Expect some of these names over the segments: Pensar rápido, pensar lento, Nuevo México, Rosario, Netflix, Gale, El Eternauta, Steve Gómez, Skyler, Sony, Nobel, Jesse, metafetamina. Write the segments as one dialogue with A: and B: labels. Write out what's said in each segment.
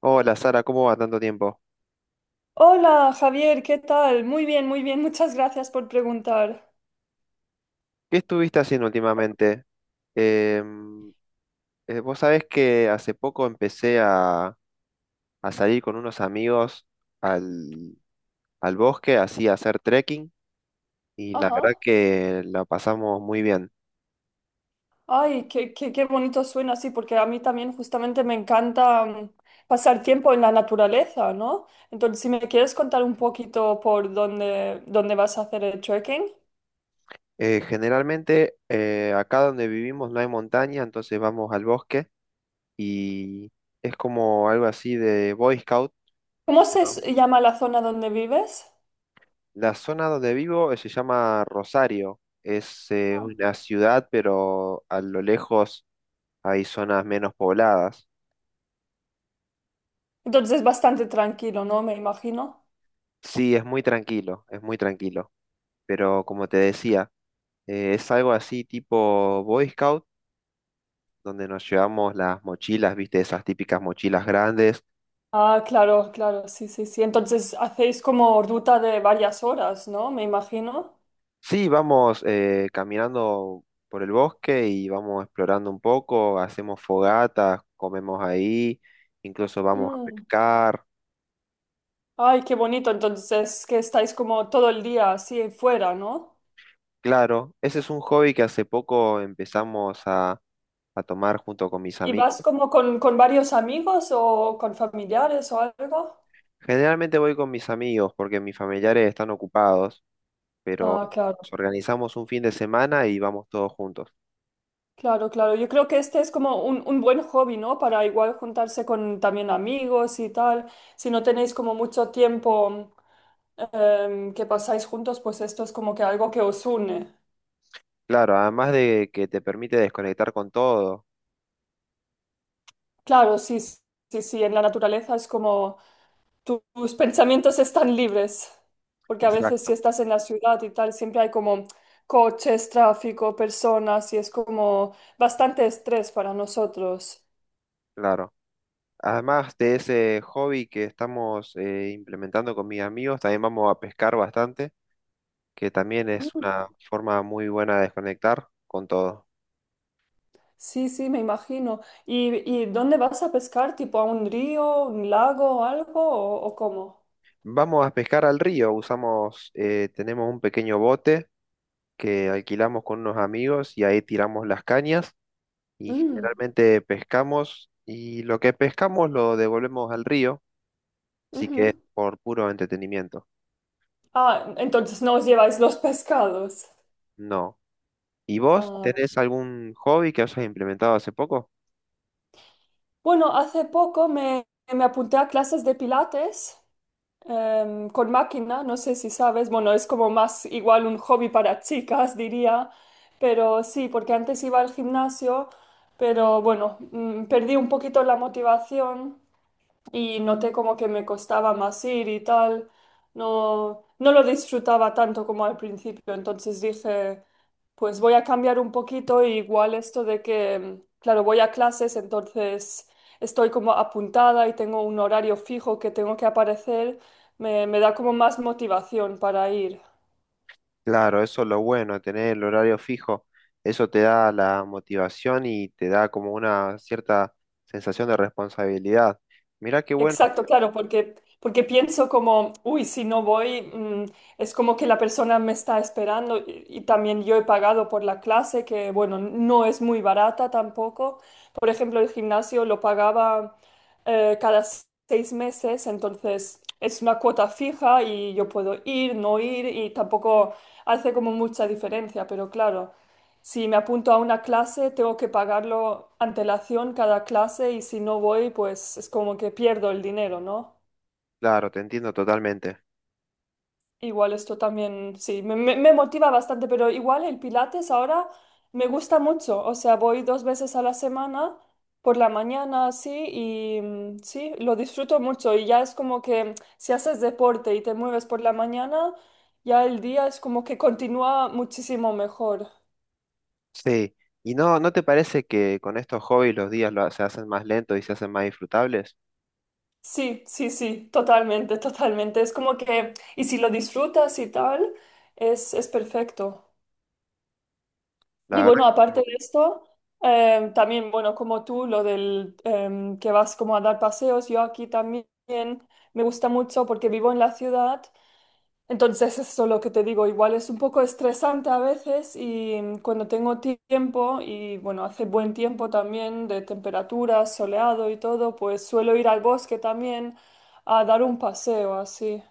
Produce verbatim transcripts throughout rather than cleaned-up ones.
A: Hola Sara, ¿cómo va? Tanto tiempo.
B: Hola Javier, ¿qué tal? Muy bien, muy bien, muchas gracias por preguntar.
A: ¿Qué estuviste haciendo últimamente? Em, eh, vos sabés que hace poco empecé a, a salir con unos amigos al, al bosque, así a hacer trekking, y la verdad
B: Ajá.
A: que la pasamos muy bien.
B: Ay, qué, qué, qué bonito suena así, porque a mí también justamente me encanta mm, pasar tiempo en la naturaleza, ¿no? Entonces, si me quieres contar un poquito por dónde, dónde vas a hacer el trekking.
A: Eh, generalmente eh, acá donde vivimos no hay montaña, entonces vamos al bosque y es como algo así de Boy Scout.
B: ¿Cómo se s- llama la zona donde vives?
A: La zona donde vivo eh, se llama Rosario. Es eh,
B: Ah.
A: una ciudad, pero a lo lejos hay zonas menos pobladas.
B: Entonces es bastante tranquilo, ¿no? Me imagino.
A: Sí, es muy tranquilo, es muy tranquilo. Pero como te decía, eh, es algo así tipo Boy Scout, donde nos llevamos las mochilas, viste, esas típicas mochilas grandes.
B: Ah, claro, claro, sí, sí, sí. Entonces hacéis como ruta de varias horas, ¿no? Me imagino.
A: Sí, vamos eh, caminando por el bosque y vamos explorando un poco, hacemos fogatas, comemos ahí, incluso vamos a pescar.
B: Ay, qué bonito. Entonces, que estáis como todo el día así fuera, ¿no?
A: Claro, ese es un hobby que hace poco empezamos a, a tomar junto con mis
B: ¿Y
A: amigos.
B: vas como con, con varios amigos o con familiares o algo?
A: Generalmente voy con mis amigos porque mis familiares están ocupados, pero
B: Ah, claro,
A: nos organizamos un fin de semana y vamos todos juntos.
B: claro, claro. Yo creo que este es como un, un buen hobby, ¿no? Para igual juntarse con también amigos y tal. Si no tenéis como mucho tiempo em, que pasáis juntos, pues esto es como que algo que os une.
A: Claro, además de que te permite desconectar con todo.
B: Claro, sí, sí, sí. En la naturaleza es como tus pensamientos están libres, porque a veces si
A: Exacto,
B: estás en la ciudad y tal, siempre hay como coches, tráfico, personas y es como bastante estrés para nosotros.
A: claro. Además de ese hobby que estamos eh, implementando con mis amigos, también vamos a pescar bastante, que también es
B: Mm.
A: una forma muy buena de desconectar con todo.
B: Sí, sí, me imagino. ¿Y, y dónde vas a pescar? ¿Tipo a un río, un lago o algo? ¿O, o cómo?
A: Vamos a pescar al río, usamos, eh, tenemos un pequeño bote que alquilamos con unos amigos y ahí tiramos las cañas y
B: Mm,
A: generalmente pescamos, y lo que pescamos lo devolvemos al río, así que es
B: ujú.
A: por puro entretenimiento.
B: Ah, entonces no os lleváis los pescados.
A: No. ¿Y vos
B: Ah,
A: tenés algún hobby que hayas implementado hace poco?
B: bueno, hace poco me, me apunté a clases de pilates, em, con máquina, no sé si sabes, bueno, es como más igual un hobby para chicas, diría, pero sí, porque antes iba al gimnasio, pero bueno, mm, perdí un poquito la motivación y noté como que me costaba más ir y tal. No, no lo disfrutaba tanto como al principio, entonces dije, pues voy a cambiar un poquito y igual esto de que, claro, voy a clases, entonces estoy como apuntada y tengo un horario fijo que tengo que aparecer, me, me da como más motivación para ir.
A: Claro, eso es lo bueno, tener el horario fijo, eso te da la motivación y te da como una cierta sensación de responsabilidad. Mirá qué bueno,
B: Exacto, claro, porque, porque pienso como, uy, si no voy, mm, es como que la persona me está esperando y, y también yo he pagado por la clase, que bueno, no es muy barata tampoco. Por ejemplo, el gimnasio lo pagaba eh, cada s- seis meses, entonces es una cuota fija y yo puedo ir, no ir y tampoco hace como mucha diferencia, pero claro. Si me apunto a una clase, tengo que pagarlo antelación cada clase y si no voy, pues es como que pierdo el dinero, ¿no?
A: claro, te entiendo totalmente.
B: Igual esto también, sí, me, me- me motiva bastante, pero igual el Pilates ahora me gusta mucho. O sea, voy dos veces a la semana, por la mañana, sí, y mm, sí, lo disfruto mucho. Y ya es como que si haces deporte y te mueves por la mañana, ya el día es como que continúa muchísimo mejor.
A: Sí, ¿y no, no te parece que con estos hobbies los días lo- se hacen más lentos y se hacen más disfrutables?
B: Sí, sí, sí, totalmente, totalmente. Es como que, y si lo disfrutas y tal, es, es perfecto.
A: La
B: Y
A: verdad
B: bueno,
A: que
B: aparte
A: es
B: de esto, eh, también, bueno, como tú, lo del eh, que vas como a dar paseos, yo aquí también me gusta mucho porque vivo en la ciudad, entonces eso es lo que te digo, igual es un poco estresante a veces y mm, cuando tengo tiempo y bueno, hace buen tiempo también de temperatura, soleado y todo, pues suelo ir al bosque también a dar un paseo así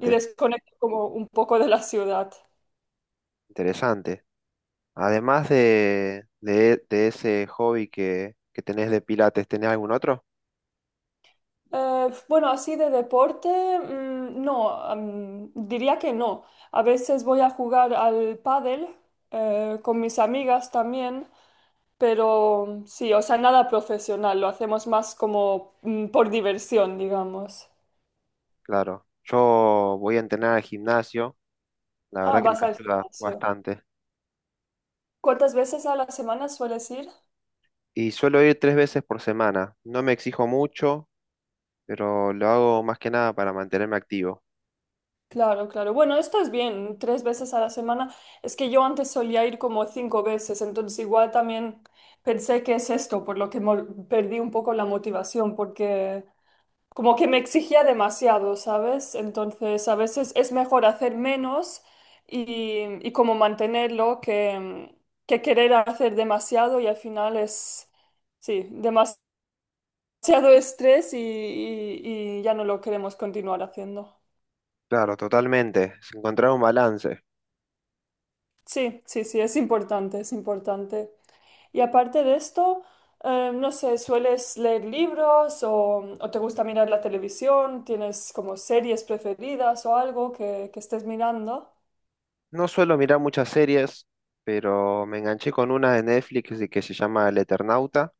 B: y desconecto como un poco de la ciudad.
A: interesante. Además de, de, de ese hobby que, que tenés de pilates, ¿tenés algún otro?
B: Eh, bueno, así de deporte, mm, no, mm, diría que no. A veces voy a jugar al pádel eh, con mis amigas también, pero sí, o sea, nada profesional, lo hacemos más como mm, por diversión, digamos.
A: Claro, yo voy a entrenar al gimnasio, la
B: Ah,
A: verdad que me
B: vas al
A: ayuda
B: gimnasio.
A: bastante.
B: ¿Cuántas veces a la semana sueles ir?
A: Y suelo ir tres veces por semana, no me exijo mucho, pero lo hago más que nada para mantenerme activo.
B: Claro, claro. Bueno, esto es bien, tres veces a la semana. Es que yo antes solía ir como cinco veces, entonces igual también pensé que es esto, por lo que mol- perdí un poco la motivación, porque como que me exigía demasiado, ¿sabes? Entonces a veces es mejor hacer menos y, y como mantenerlo que, que querer hacer demasiado y al final es, sí, demasiado estrés y, y y ya no lo queremos continuar haciendo.
A: Claro, totalmente, es encontrar un balance.
B: Sí, sí, sí, es importante, es importante. Y aparte de esto, eh, no sé, ¿sueles leer libros o, o te gusta mirar la televisión? ¿Tienes como series preferidas o algo que, que estés mirando?
A: No suelo mirar muchas series, pero me enganché con una de Netflix y que se llama El Eternauta.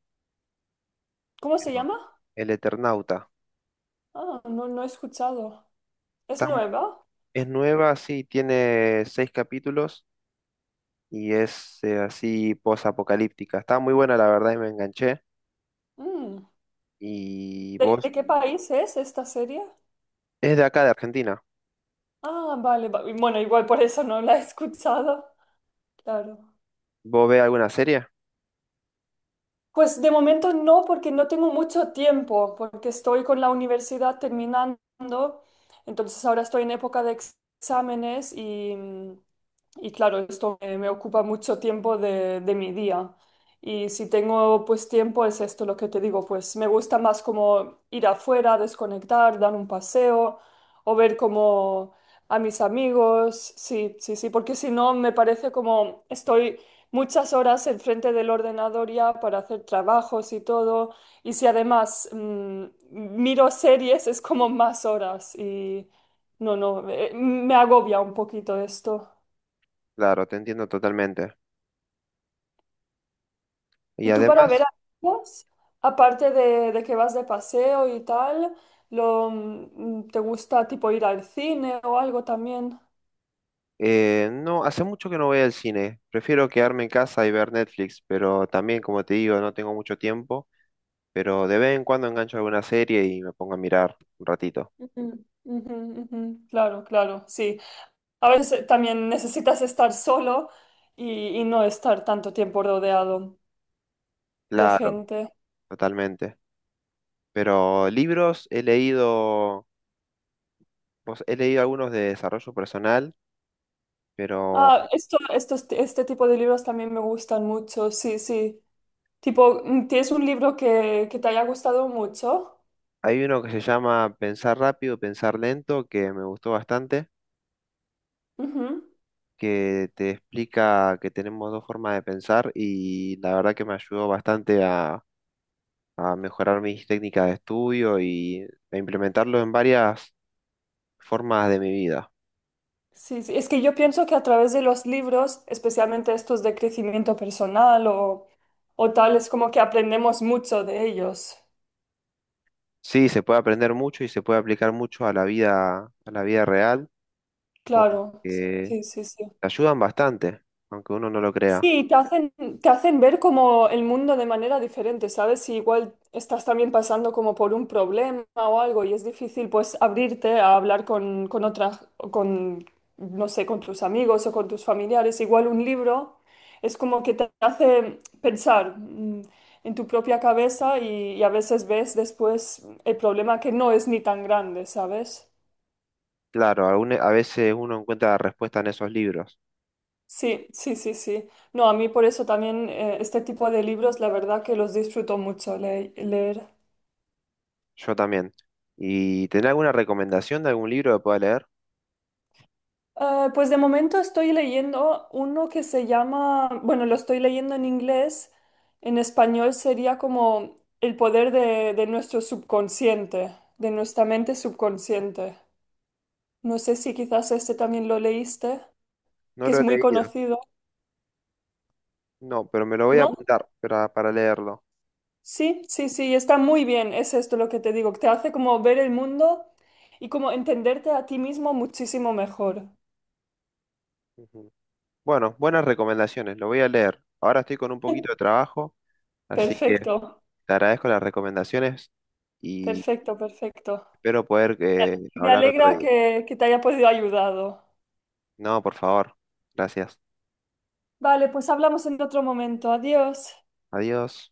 B: ¿Cómo se
A: Pero-
B: llama?
A: El Eternauta.
B: Ah, no, no he escuchado. ¿Es
A: Está mu-
B: nueva?
A: es nueva, sí, tiene seis capítulos y es eh, así posapocalíptica. Está muy buena, la verdad, y me enganché.
B: Mm.
A: Y
B: ¿De,
A: vos,
B: de qué país es esta serie?
A: es de acá, de Argentina.
B: Ah, vale, va- Bueno, igual por eso no la he escuchado. Claro.
A: ¿Vos ves alguna serie?
B: Pues de momento no, porque no tengo mucho tiempo, porque estoy con la universidad terminando, entonces ahora estoy en época de ex- exámenes y, y claro, esto me, me ocupa mucho tiempo de, de mi día. Y si tengo pues tiempo, es esto lo que te digo, pues me gusta más como ir afuera, desconectar, dar un paseo o ver como a mis amigos, sí, sí, sí, porque si no me parece como estoy muchas horas enfrente del ordenador ya para hacer trabajos y todo. Y si además mm, miro series, es como más horas. Y no, no, eh, me agobia un poquito esto.
A: Claro, te entiendo totalmente. Y
B: ¿Y tú para ver
A: además,
B: amigos, aparte de, de que vas de paseo y tal, lo, mm, te gusta tipo ir al cine o algo también?
A: eh, no, hace mucho que no voy al cine. Prefiero quedarme en casa y ver Netflix, pero también, como te digo, no tengo mucho tiempo. Pero de vez en cuando engancho alguna serie y me pongo a mirar un ratito.
B: Ujú, ujú, ujú. Claro, claro, sí. A veces eh, también necesitas estar solo y, y no estar tanto tiempo rodeado de
A: Claro,
B: gente.
A: totalmente. Pero libros he leído, pues, he leído algunos de desarrollo personal, pero
B: Ah, esto, estos, este este tipo de libros también me gustan mucho, sí, sí. Tipo, mm, ¿tienes un libro que, que te haya gustado mucho?
A: hay uno que se llama Pensar rápido, pensar lento, que me gustó bastante,
B: Ujú.
A: que te explica que tenemos dos formas de pensar y la verdad que me ayudó bastante a, a mejorar mis técnicas de estudio y a implementarlo en varias formas de mi vida.
B: Sí, sí. Es que yo pienso que a través de los libros, especialmente estos de crecimiento personal o, o tal, es como que aprendemos mucho de ellos.
A: Sí, se puede aprender mucho y se puede aplicar mucho a la vida, a la vida real, porque
B: Claro, sí, sí, sí.
A: te ayudan bastante, aunque uno no lo crea.
B: Sí, te hacen, te hacen ver como el mundo de manera diferente, ¿sabes? Si igual estás también pasando como por un problema o algo y es difícil pues abrirte a hablar con, con otras, con, no sé, con tus amigos o con tus familiares, igual un libro es como que te hace pensar mm, en tu propia cabeza y, y a veces ves después el problema que no es ni tan grande, ¿sabes?
A: Claro, alguna a veces uno encuentra respuesta en esos libros,
B: Sí, sí, sí, sí. No, a mí por eso también eh, este tipo de libros, la verdad que los disfruto mucho le- leer.
A: yo también. ¿Y tenés alguna recomendación de algún libro que pueda leer?
B: Eh, pues de momento estoy leyendo uno que se llama, bueno, lo estoy leyendo en inglés, en español sería como El poder de, de nuestro subconsciente, de nuestra mente subconsciente. No sé si quizás este también lo leíste,
A: No
B: que
A: lo
B: es
A: he
B: muy
A: leído,
B: conocido,
A: no, pero me lo voy a
B: ¿no?
A: apuntar para, para leerlo.
B: Sí, sí, sí, está muy bien, es esto lo que te digo, te hace como ver el mundo y como entenderte a ti mismo muchísimo mejor.
A: Ujú. Bueno, buenas recomendaciones, lo voy a leer. Ahora estoy con un poquito de trabajo, así que
B: Perfecto,
A: te agradezco las recomendaciones y
B: perfecto, perfecto.
A: espero poder eh,
B: Me
A: hablar otro
B: alegra
A: día.
B: que, que te haya podido ayudado.
A: No, por favor. Gracias.
B: Vale, pues hablamos en otro momento. Adiós.
A: Adiós.